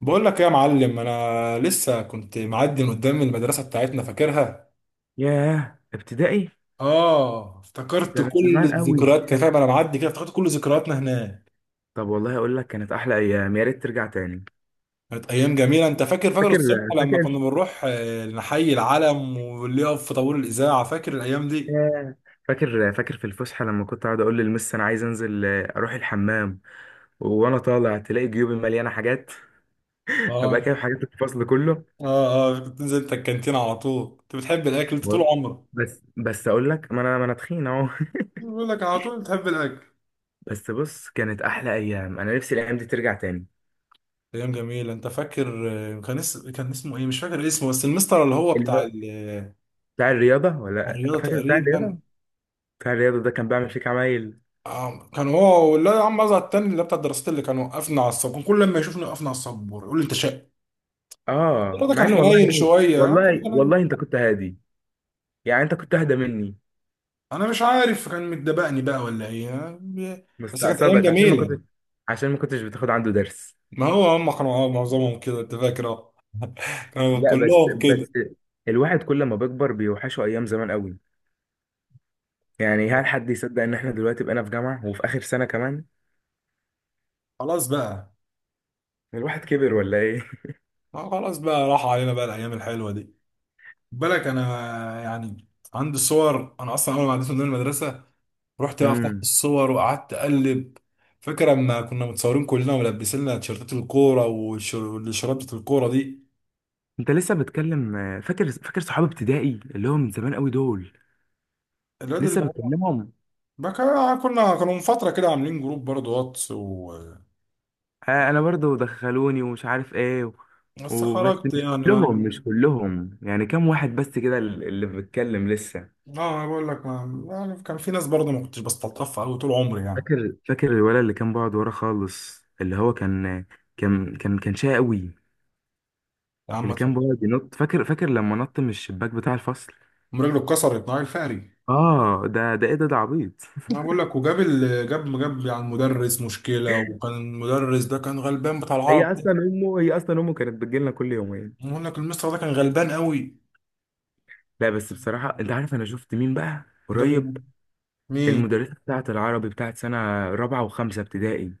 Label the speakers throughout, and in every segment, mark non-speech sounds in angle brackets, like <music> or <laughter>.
Speaker 1: بقول لك ايه يا معلم؟ انا لسه كنت معدي من قدام المدرسه بتاعتنا، فاكرها.
Speaker 2: ياه، ابتدائي!
Speaker 1: اه، افتكرت
Speaker 2: ده من
Speaker 1: كل
Speaker 2: زمان قوي.
Speaker 1: الذكريات كده، فاهم؟ انا معدي كده افتكرت كل ذكرياتنا هناك.
Speaker 2: طب والله اقول لك، كانت احلى ايام، يا ريت ترجع تاني.
Speaker 1: كانت ايام جميله، انت فاكر؟ فاكر
Speaker 2: فاكر
Speaker 1: الصبح لما كنا
Speaker 2: فاكر
Speaker 1: بنروح نحيي العلم، واللي يقف في طابور الاذاعه. فاكر الايام دي؟
Speaker 2: ياه. فاكر في الفسحه لما كنت اقعد اقول للمس انا عايز انزل اروح الحمام. وانا طالع تلاقي جيوبي مليانه حاجات. <laughs> ابقى
Speaker 1: اه،
Speaker 2: كده حاجات الفصل كله.
Speaker 1: اه، اه. كنت تنزل انت الكانتين على طول، انت بتحب الاكل انت
Speaker 2: و-
Speaker 1: طول عمرك.
Speaker 2: بس اقول لك، ما انا تخين اهو.
Speaker 1: بقول لك على طول بتحب الاكل.
Speaker 2: <laughs> بس بص، كانت احلى ايام، انا نفسي الايام دي ترجع تاني.
Speaker 1: ايام جميله، انت فاكر؟ كان اسمه ايه؟ مش فاكر اسمه، بس المستر اللي هو
Speaker 2: اللي
Speaker 1: بتاع
Speaker 2: هو بتاع الرياضه، ولا
Speaker 1: الرياضه
Speaker 2: فاكر؟ بتاع
Speaker 1: تقريبا.
Speaker 2: الرياضه. بتاع الرياضه ده كان بيعمل فيك عمايل.
Speaker 1: كان هو، ولا يا عم ازهر التاني اللي بتاع الدراسات؟ اللي كان وقفنا على السبور، كان كل ما يشوفني وقفنا على السبور يقول لي انت شقي.
Speaker 2: اه،
Speaker 1: الواد ده
Speaker 2: مع
Speaker 1: كان
Speaker 2: ان والله
Speaker 1: حنين شويه، كان
Speaker 2: والله
Speaker 1: حنين.
Speaker 2: والله انت كنت هادي، يعني انت كنت اهدى مني.
Speaker 1: انا مش عارف، كان متدبقني بقى ولا ايه؟ بس كانت ايام
Speaker 2: مستقصدك عشان ما
Speaker 1: جميله.
Speaker 2: كنتش عشان ما كنتش بتاخد عنده درس.
Speaker 1: ما هو هم كانوا معظمهم كده، انت فاكر؟ اه، كانوا
Speaker 2: لا بس
Speaker 1: كلهم كده.
Speaker 2: بس الواحد كل ما بيكبر بيوحشه ايام زمان قوي، يعني هل حد يصدق ان احنا دلوقتي بقينا في جامعة وفي اخر سنة كمان؟
Speaker 1: خلاص بقى،
Speaker 2: الواحد كبر ولا ايه؟
Speaker 1: ما خلاص بقى راح علينا بقى الايام الحلوه دي. بالك انا يعني عندي صور؟ انا اصلا اول ما عديت من المدرسه رحت بقى فتحت
Speaker 2: امم.
Speaker 1: الصور وقعدت اقلب. فاكر لما كنا متصورين كلنا ولابسين لنا تيشيرتات الكوره والشرابة الكوره دي؟
Speaker 2: انت لسه بتكلم؟ فاكر صحاب ابتدائي اللي هو من زمان قوي دول؟
Speaker 1: الواد
Speaker 2: لسه
Speaker 1: اللي هو
Speaker 2: بتكلمهم؟
Speaker 1: بقى، كنا كانوا من فتره كده عاملين جروب برضه واتس
Speaker 2: انا برضو دخلوني ومش عارف ايه
Speaker 1: بس
Speaker 2: وبس.
Speaker 1: خرجت
Speaker 2: مش
Speaker 1: يعني
Speaker 2: كلهم
Speaker 1: ما...
Speaker 2: مش كلهم يعني كام واحد بس كده اللي بيتكلم لسه.
Speaker 1: اه انا بقول لك ما... يعني كان في ناس برضه ما كنتش بستلطفها قوي طول عمري يعني.
Speaker 2: فاكر الولد اللي كان بيقعد ورا خالص، اللي هو كان شقي قوي.
Speaker 1: يا عم
Speaker 2: اللي كان بيقعد
Speaker 1: اتفضل.
Speaker 2: ينط. فاكر لما نط من الشباك بتاع الفصل؟
Speaker 1: أم رجله اتكسرت نهار الفقري.
Speaker 2: اه، ده، ده ايه ده؟ ده عبيط!
Speaker 1: انا
Speaker 2: <laughs>
Speaker 1: بقول لك، وجاب ال... جاب جاب يعني المدرس مشكله، وكان المدرس ده كان غلبان بتاع العرب
Speaker 2: هي
Speaker 1: ده.
Speaker 2: اصلا امه هي اصلا امه كانت بتجيلنا كل يومين.
Speaker 1: بقول لك المستر ده كان غلبان قوي.
Speaker 2: لا بس بصراحه، انت عارف انا شفت مين بقى قريب؟
Speaker 1: مين؟
Speaker 2: المدرسه بتاعه العربي بتاعه سنه رابعه وخمسه ابتدائي.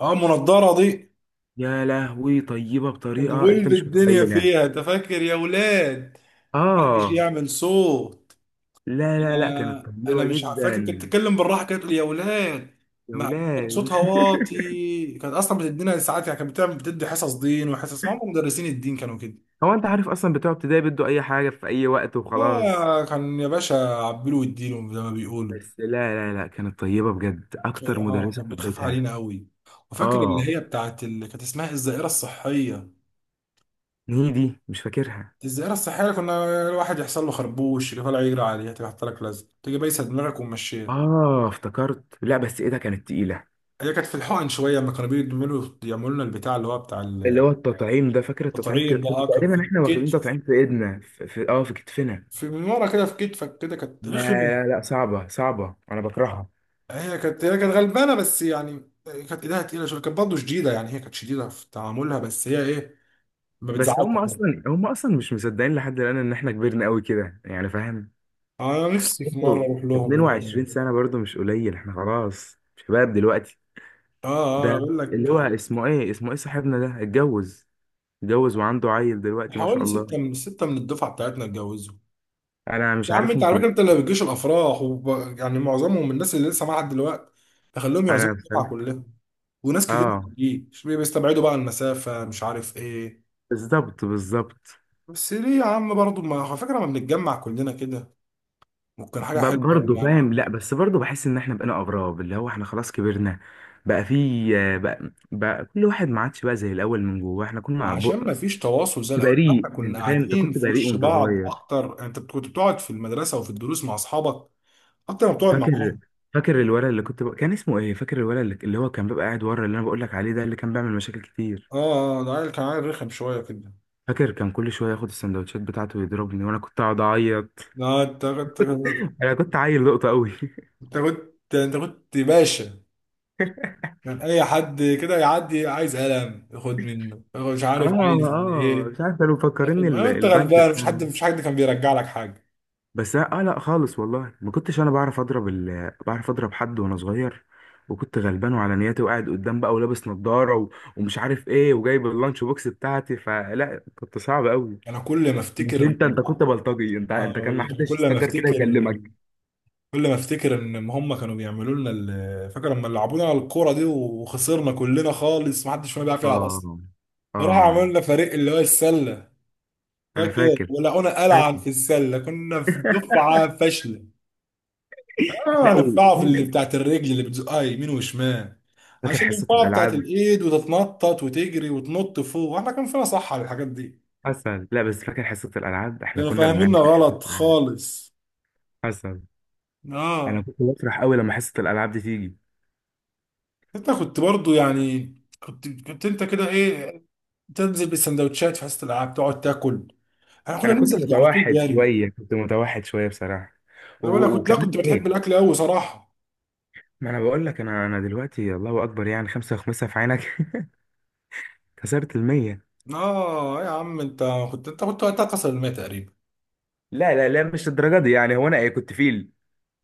Speaker 1: اه، منضرة دي.
Speaker 2: يا لهوي، طيبة بطريقة انت
Speaker 1: الغلب
Speaker 2: مش <laughs>
Speaker 1: الدنيا
Speaker 2: متخيلها.
Speaker 1: فيها، انت فاكر؟ يا ولاد، محدش
Speaker 2: اه.
Speaker 1: يعمل صوت.
Speaker 2: لا لا لا، كانت
Speaker 1: انا
Speaker 2: طيبة
Speaker 1: مش فاكر كانت
Speaker 2: جدا.
Speaker 1: بتتكلم بالراحه كده، تقول: يا ولاد.
Speaker 2: يا
Speaker 1: ما كانت
Speaker 2: ولاد.
Speaker 1: صوتها واطي، كانت اصلا بتدينا ساعات، يعني كانت بتعمل بتدي حصص دين وحصص، ما هم مدرسين الدين كانوا كده.
Speaker 2: <laughs> هو انت عارف اصلا بتوع ابتدائي بيدوا اي حاجة في اي وقت وخلاص.
Speaker 1: اه، كان يا باشا عبلوا الدين زي ما بيقولوا.
Speaker 2: بس لا لا لا، كانت طيبة بجد، اكتر
Speaker 1: اه،
Speaker 2: مدرسة
Speaker 1: كانت بتخاف
Speaker 2: حبيتها.
Speaker 1: علينا قوي. وفاكر اللي
Speaker 2: اه.
Speaker 1: هي بتاعت اللي كانت اسمها الزائره الصحيه؟
Speaker 2: دي مش فاكرها.
Speaker 1: الزيارة الصحية كنا الواحد يحصل له خربوش يجي طالع يجري عليها، تيجي حاطة لك لزق، تيجي بايسة دماغك وممشية.
Speaker 2: اه افتكرت. لا بس ايه، ده كانت تقيلة.
Speaker 1: هي كانت في الحقن شوية لما كانوا بيعملوا يعملوا لنا البتاع اللي هو بتاع
Speaker 2: اللي هو التطعيم ده. فاكر التطعيم؟
Speaker 1: التطعيم
Speaker 2: كده
Speaker 1: ده.
Speaker 2: كنا
Speaker 1: اه، كان في
Speaker 2: تقريبا احنا واخدين
Speaker 1: الكتف،
Speaker 2: تطعيم في ايدنا، في كتفنا.
Speaker 1: في من ورا كده في كتفك كده، كانت
Speaker 2: لا
Speaker 1: رخمة.
Speaker 2: لا لا، صعبة صعبة، انا بكرهها.
Speaker 1: هي كانت غلبانة، بس يعني كانت ايدها تقيلة شوية، كانت برضه شديدة، يعني هي كانت شديدة في تعاملها، بس هي ايه، ما بتزعلش
Speaker 2: بس هم
Speaker 1: برضه.
Speaker 2: اصلا هم اصلا مش مصدقين لحد الان ان احنا كبرنا قوي كده، يعني فاهم.
Speaker 1: انا
Speaker 2: اصل
Speaker 1: نفسي في مرة
Speaker 2: برضه
Speaker 1: اروح لهم هناك.
Speaker 2: 22 سنه، برضه مش قليل، احنا خلاص شباب دلوقتي.
Speaker 1: اه، اه، انا
Speaker 2: ده
Speaker 1: بقول
Speaker 2: اللي هو
Speaker 1: لك
Speaker 2: اسمه ايه صاحبنا ده، اتجوز؟ اتجوز وعنده عيل دلوقتي، ما شاء
Speaker 1: حوالي
Speaker 2: الله.
Speaker 1: ستة من ستة من الدفعة بتاعتنا اتجوزوا.
Speaker 2: انا مش
Speaker 1: يا عم انت
Speaker 2: عارفهم
Speaker 1: على فكره انت
Speaker 2: كلهم.
Speaker 1: اللي بتجيش الافراح يعني معظمهم من الناس اللي لسه معاها لحد دلوقتي. تخليهم يعزموا
Speaker 2: انا
Speaker 1: الدفعه
Speaker 2: بصراحه،
Speaker 1: كلها. وناس كتير ما
Speaker 2: اه،
Speaker 1: بتجيش، بيستبعدوا بقى المسافه، مش عارف ايه.
Speaker 2: بالظبط بالظبط.
Speaker 1: بس ليه يا عم برضه ما على فكره ما بنتجمع كلنا كده؟ ممكن حاجه حلوه قوي
Speaker 2: برضه
Speaker 1: يعني.
Speaker 2: فاهم. لا بس برضه بحس ان احنا بقينا اغراب، اللي هو احنا خلاص كبرنا. بقى في، بقى كل واحد ما عادش بقى زي الاول من جوه. احنا كنا
Speaker 1: عشان ما فيش تواصل زي الاول، احنا
Speaker 2: بريء،
Speaker 1: كنا
Speaker 2: انت فاهم، انت
Speaker 1: قاعدين
Speaker 2: كنت
Speaker 1: في
Speaker 2: بريء
Speaker 1: وش
Speaker 2: وانت
Speaker 1: بعض
Speaker 2: صغير.
Speaker 1: اكتر يعني، انت كنت بتقعد في المدرسه وفي الدروس مع اصحابك اكتر ما بتقعد مع
Speaker 2: فاكر
Speaker 1: اهلك.
Speaker 2: فاكر الولد اللي كنت كان اسمه ايه؟ فاكر الولد اللي هو كان بيبقى قاعد ورا، اللي انا بقول لك عليه ده، اللي كان بيعمل مشاكل كتير؟
Speaker 1: اه، اه، ده عيل، كان عيل رخم شويه كده.
Speaker 2: فاكر كان كل شويه ياخد السندوتشات بتاعته ويضربني وانا كنت اقعد اعيط.
Speaker 1: لا
Speaker 2: <laughs> انا كنت عيل لقطه قوي. <laughs>
Speaker 1: انت كنت انت كنت باشا. كان اي حد كده يعدي عايز قلم ياخد منه، ياخد مش
Speaker 2: اه
Speaker 1: عارف عايز
Speaker 2: اه، مش
Speaker 1: ايه
Speaker 2: عارف كانوا
Speaker 1: ياخد،
Speaker 2: مفكريني
Speaker 1: ما انت
Speaker 2: البنك
Speaker 1: غلبان. مش حد
Speaker 2: بتاعهم.
Speaker 1: مش حد كان بيرجع لك حاجه.
Speaker 2: بس اه، لا خالص، والله ما كنتش انا بعرف اضرب بعرف اضرب حد وانا صغير، وكنت غلبان وعلى نياتي، وقاعد قدام بقى ولابس نظارة ومش عارف ايه، وجايب اللانش بوكس بتاعتي، فلا كنت صعب قوي.
Speaker 1: انا كل ما
Speaker 2: مش
Speaker 1: افتكر
Speaker 2: انت كنت بلطجي، انت
Speaker 1: أنا
Speaker 2: انت كان ما
Speaker 1: أقول لك، أنا
Speaker 2: حدش
Speaker 1: كل ما
Speaker 2: يستجر كده
Speaker 1: افتكر
Speaker 2: يكلمك.
Speaker 1: كل ما افتكر ان هم كانوا بيعملوا لنا فاكر لما لعبونا على الكوره دي وخسرنا كلنا خالص، ما حدش فينا بيعرف يلعب اصلا.
Speaker 2: اه اه،
Speaker 1: وراحوا عملوا لنا فريق اللي هو السله،
Speaker 2: انا
Speaker 1: فاكر؟
Speaker 2: فاكر
Speaker 1: ولقونا قلعا
Speaker 2: فاكر
Speaker 1: في السله، كنا في دفعه
Speaker 2: <laughs>
Speaker 1: فاشله.
Speaker 2: لا
Speaker 1: هنفقعه في اللي بتاعت الرجل اللي بتزقها يمين وشمال.
Speaker 2: فاكر
Speaker 1: عشان
Speaker 2: حصة
Speaker 1: النفاعة بتاعت
Speaker 2: الالعاب؟
Speaker 1: الايد وتتنطط وتجري وتنط فوق، واحنا كان فينا صح على الحاجات دي؟
Speaker 2: حصل. لا بس فاكر حصة الالعاب، احنا
Speaker 1: كانوا
Speaker 2: كنا
Speaker 1: فاهميننا
Speaker 2: بنعشق حصة
Speaker 1: غلط
Speaker 2: الألعاب.
Speaker 1: خالص.
Speaker 2: حصل. انا
Speaker 1: اه،
Speaker 2: كنت بفرح قوي لما حصة الالعاب دي تيجي.
Speaker 1: انت كنت برضو يعني، كنت انت كده ايه، تنزل بالسندوتشات في حصة الالعاب تقعد تاكل؟ احنا كنا
Speaker 2: انا كنت
Speaker 1: ننزل على طول
Speaker 2: متوحد
Speaker 1: جاري.
Speaker 2: شويه، بصراحه
Speaker 1: انا ولا كنت، لا
Speaker 2: وكمان
Speaker 1: كنت بتحب
Speaker 2: ايه،
Speaker 1: الاكل قوي صراحة.
Speaker 2: ما انا بقول لك، انا دلوقتي الله اكبر، يعني خمسة وخمسة في عينك. <laughs> كسرت المية.
Speaker 1: اه يا عم انت، كنت انت كنت وقتها كسر الماء تقريبا.
Speaker 2: لا لا لا، مش الدرجه دي، يعني هو انا ايه، كنت فيل؟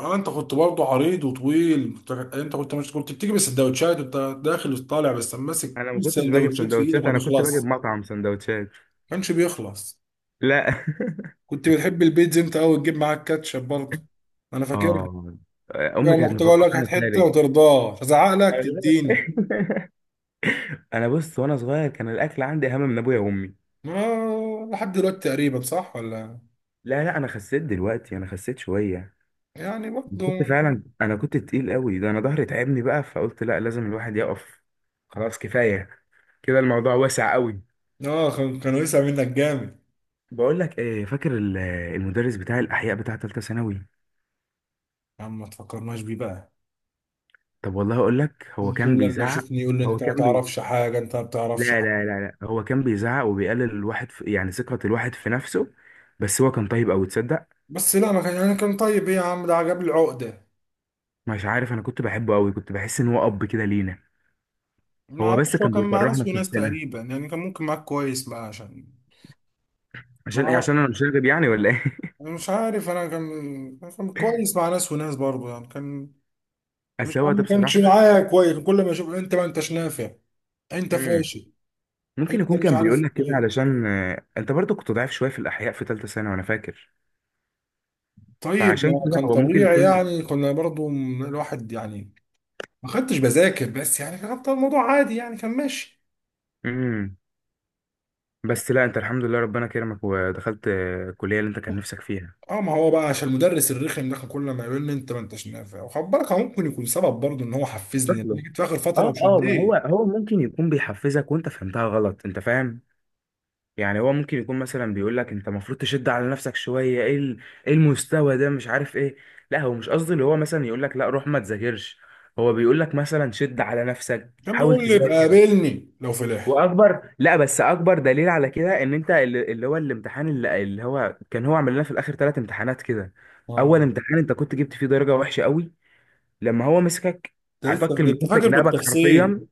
Speaker 1: اه، انت كنت برضه عريض وطويل انت. أنت كنت مش كنت بتيجي بالسندوتشات انت داخل وطالع، بس ماسك
Speaker 2: انا ما كنتش باجي
Speaker 1: السندوتشات في ايدك
Speaker 2: بسندوتشات، انا كنت باجي
Speaker 1: ما
Speaker 2: بمطعم سندوتشات.
Speaker 1: كانش بيخلص.
Speaker 2: لا. <laughs>
Speaker 1: كنت بتحب البيتزا انت قوي، تجيب معاك كاتشب برضه، انا فاكر.
Speaker 2: اه، امي
Speaker 1: لما
Speaker 2: كانت
Speaker 1: كنت اقول
Speaker 2: مفكره
Speaker 1: لك هات
Speaker 2: انا
Speaker 1: حته
Speaker 2: خارج.
Speaker 1: ما ترضاش، ازعق لك تديني.
Speaker 2: <laughs> انا بص، وانا صغير كان الاكل عندي اهم من ابويا وامي.
Speaker 1: ما لحد دلوقتي تقريبا، صح ولا؟
Speaker 2: لا لا، انا خسيت دلوقتي، انا خسيت شويه.
Speaker 1: يعني
Speaker 2: كنت
Speaker 1: برضه.
Speaker 2: فعلا، انا كنت تقيل قوي، ده انا ظهري تعبني بقى فقلت لا، لازم الواحد يقف، خلاص كفايه كده، الموضوع واسع قوي.
Speaker 1: اه كانوا يسع منك جامد.
Speaker 2: بقول لك ايه، فاكر المدرس بتاع الاحياء بتاع ثالثه ثانوي؟
Speaker 1: يا عم ما تفكرناش بيه بقى.
Speaker 2: طب والله اقول لك، هو كان
Speaker 1: كل لما
Speaker 2: بيزعق.
Speaker 1: يشوفني يقول لي
Speaker 2: هو
Speaker 1: انت ما
Speaker 2: كان بي...
Speaker 1: تعرفش حاجه انت ما
Speaker 2: لا
Speaker 1: بتعرفش.
Speaker 2: لا لا لا، هو كان بيزعق وبيقلل الواحد يعني ثقه الواحد في نفسه. بس هو كان طيب قوي، تصدق؟
Speaker 1: بس لا ما كان، يعني كان طيب ايه يا عم، ده عجب العقدة.
Speaker 2: مش عارف، انا كنت بحبه قوي، كنت بحس ان هو اب كده لينا.
Speaker 1: ما
Speaker 2: هو بس
Speaker 1: اعرفش، هو
Speaker 2: كان
Speaker 1: كان مع
Speaker 2: بيكرهنا
Speaker 1: ناس
Speaker 2: في
Speaker 1: وناس
Speaker 2: نفسنا.
Speaker 1: تقريبا، يعني كان ممكن معاك كويس بقى عشان. ما
Speaker 2: عشان ايه؟
Speaker 1: هو
Speaker 2: عشان انا مش راغب يعني ولا ايه؟ <laughs>
Speaker 1: أنا مش عارف، انا كان كويس مع ناس وناس برضه يعني كان.
Speaker 2: بس
Speaker 1: مش انا،
Speaker 2: هو ده
Speaker 1: ما كانش
Speaker 2: بصراحه.
Speaker 1: معايا كويس، كل ما اشوف انت ما انتش نافع، انت
Speaker 2: مم.
Speaker 1: فاشل،
Speaker 2: ممكن
Speaker 1: انت
Speaker 2: يكون
Speaker 1: مش
Speaker 2: كان
Speaker 1: عارف
Speaker 2: بيقول لك كده
Speaker 1: ايه.
Speaker 2: علشان، انت برضو كنت ضعيف شويه في الاحياء في ثالثه ثانوي، وانا فاكر.
Speaker 1: طيب ما
Speaker 2: فعشان كده
Speaker 1: كان
Speaker 2: هو ممكن
Speaker 1: طبيعي
Speaker 2: يكون،
Speaker 1: يعني، كنا برضه الواحد يعني ما كنتش بذاكر، بس يعني كان الموضوع عادي يعني كان ماشي.
Speaker 2: امم بس لا، انت الحمد لله ربنا كرمك ودخلت الكليه اللي انت كان نفسك فيها.
Speaker 1: اه، ما هو بقى عشان المدرس الرخم ده كان كل ما يقول لي انت ما انتش نافع، وخد بالك هو ممكن يكون سبب برضه ان هو حفزني، انا
Speaker 2: شكله.
Speaker 1: جيت في اخر فتره
Speaker 2: اه اه، ما هو
Speaker 1: وشديت.
Speaker 2: هو ممكن يكون بيحفزك وانت فهمتها غلط، انت فاهم؟ يعني هو ممكن يكون مثلا بيقول لك انت المفروض تشد على نفسك شويه، ايه المستوى ده، مش عارف ايه. لا هو مش قصدي اللي هو مثلا يقول لك لا روح ما تذاكرش، هو بيقول لك مثلا شد على نفسك،
Speaker 1: كان
Speaker 2: حاول
Speaker 1: بيقول لي ابقى
Speaker 2: تذاكر.
Speaker 1: قابلني لو فلحت.
Speaker 2: لا بس اكبر دليل على كده، ان انت اللي هو الامتحان، اللي هو كان هو عمل لنا في الاخر ثلاث امتحانات كده.
Speaker 1: اه،
Speaker 2: اول امتحان انت كنت جبت فيه درجه وحشه قوي، لما هو مسكك،
Speaker 1: انت لسه
Speaker 2: عطاك
Speaker 1: ده انت
Speaker 2: المسافه في
Speaker 1: فاكر
Speaker 2: جنابك
Speaker 1: بالتفصيل؟
Speaker 2: حرفيا.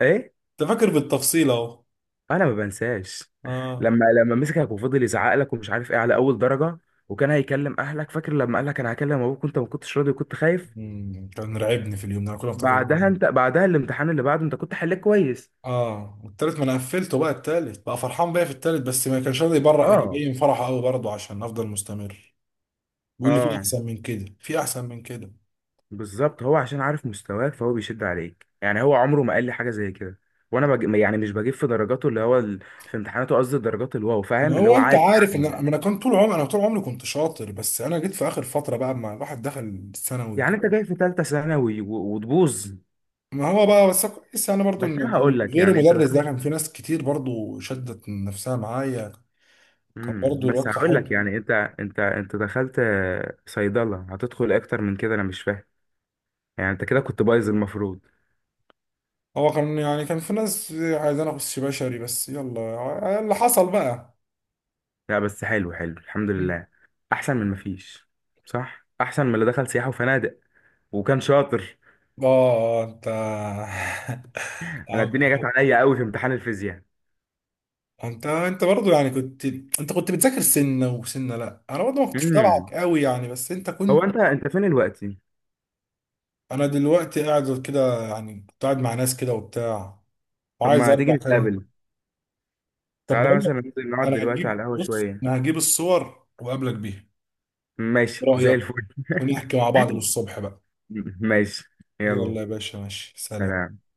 Speaker 2: ايه.
Speaker 1: انت فاكر بالتفصيل اهو.
Speaker 2: انا ما بنساش.
Speaker 1: اه.
Speaker 2: لما مسكك وفضل يزعق لك ومش عارف ايه على اول درجه، وكان هيكلم اهلك، فاكر لما قال لك انا هكلم ابوك وانت ما كنتش راضي وكنت خايف؟
Speaker 1: كان راعبني في اليوم ده، انا كل ما افتكر اليوم ده.
Speaker 2: انت بعدها الامتحان اللي بعده انت كنت حليت كويس.
Speaker 1: اه، والتالت ما انا قفلته بقى، التالت بقى فرحان بيا في التالت، بس ما كانش راضي يبرق
Speaker 2: اه
Speaker 1: يبين فرحه قوي برضه عشان افضل مستمر. بيقول لي في
Speaker 2: اه،
Speaker 1: احسن من كده، في احسن من كده.
Speaker 2: بالظبط، هو عشان عارف مستواك فهو بيشد عليك، يعني هو عمره ما قال لي حاجه زي كده. وانا يعني مش بجيب في درجاته، اللي هو في امتحاناته قصدي درجات الواو،
Speaker 1: ما
Speaker 2: فاهم، اللي
Speaker 1: هو
Speaker 2: هو
Speaker 1: انت
Speaker 2: عادي.
Speaker 1: عارف ان انا
Speaker 2: يعني
Speaker 1: أنا كان طول عمري انا طول عمري كنت شاطر، بس انا جيت في اخر فتره بقى، ما الواحد دخل الثانوي
Speaker 2: يعني انت
Speaker 1: وكده.
Speaker 2: جاي في ثالثه ثانوي وتبوظ؟
Speaker 1: ما هو بقى، بس كويس يعني برضو،
Speaker 2: بس
Speaker 1: ان
Speaker 2: انا هقول
Speaker 1: كان
Speaker 2: لك،
Speaker 1: غير
Speaker 2: يعني انت
Speaker 1: المدرس ده
Speaker 2: دخلت،
Speaker 1: كان في ناس كتير برضو شدت من نفسها معايا. كان برضو
Speaker 2: بس
Speaker 1: الواد
Speaker 2: هقول لك،
Speaker 1: صاحبنا.
Speaker 2: يعني انت، انت دخلت صيدله، هتدخل اكتر من كده؟ انا مش فاهم، يعني انت كده كنت بايظ المفروض.
Speaker 1: هو كان، يعني كان في ناس عايزين اخش بشري، بس يلا اللي حصل بقى.
Speaker 2: لا بس حلو حلو الحمد
Speaker 1: مم.
Speaker 2: لله. احسن من مفيش. صح، احسن من اللي دخل سياحه وفنادق وكان شاطر.
Speaker 1: اه انت <laughs> يا
Speaker 2: انا
Speaker 1: عم
Speaker 2: الدنيا جت
Speaker 1: خير.
Speaker 2: عليا قوي في امتحان الفيزياء.
Speaker 1: انت برضو يعني انت كنت بتذاكر سنه وسنه. لا انا برضو ما كنتش بتابعك
Speaker 2: امم
Speaker 1: قوي يعني، بس انت
Speaker 2: هو
Speaker 1: كنت.
Speaker 2: انت فين دلوقتي؟
Speaker 1: انا دلوقتي قاعد كده يعني، كنت قاعد مع ناس كده وبتاع،
Speaker 2: طب
Speaker 1: وعايز
Speaker 2: ما تيجي
Speaker 1: ارجع تاني.
Speaker 2: نتقابل،
Speaker 1: طب
Speaker 2: تعالى
Speaker 1: بقول لك،
Speaker 2: مثلا ننزل نقعد
Speaker 1: انا
Speaker 2: دلوقتي على
Speaker 1: هجيب،
Speaker 2: القهوة
Speaker 1: بص
Speaker 2: شوية.
Speaker 1: انا هجيب الصور وقابلك بيها. إيه
Speaker 2: ماشي زي
Speaker 1: رايك؟
Speaker 2: الفل.
Speaker 1: ونحكي مع بعض للصبح بقى.
Speaker 2: <laughs> ماشي، يلا،
Speaker 1: يلا يا باشا، ماشي، سلام.
Speaker 2: سلام.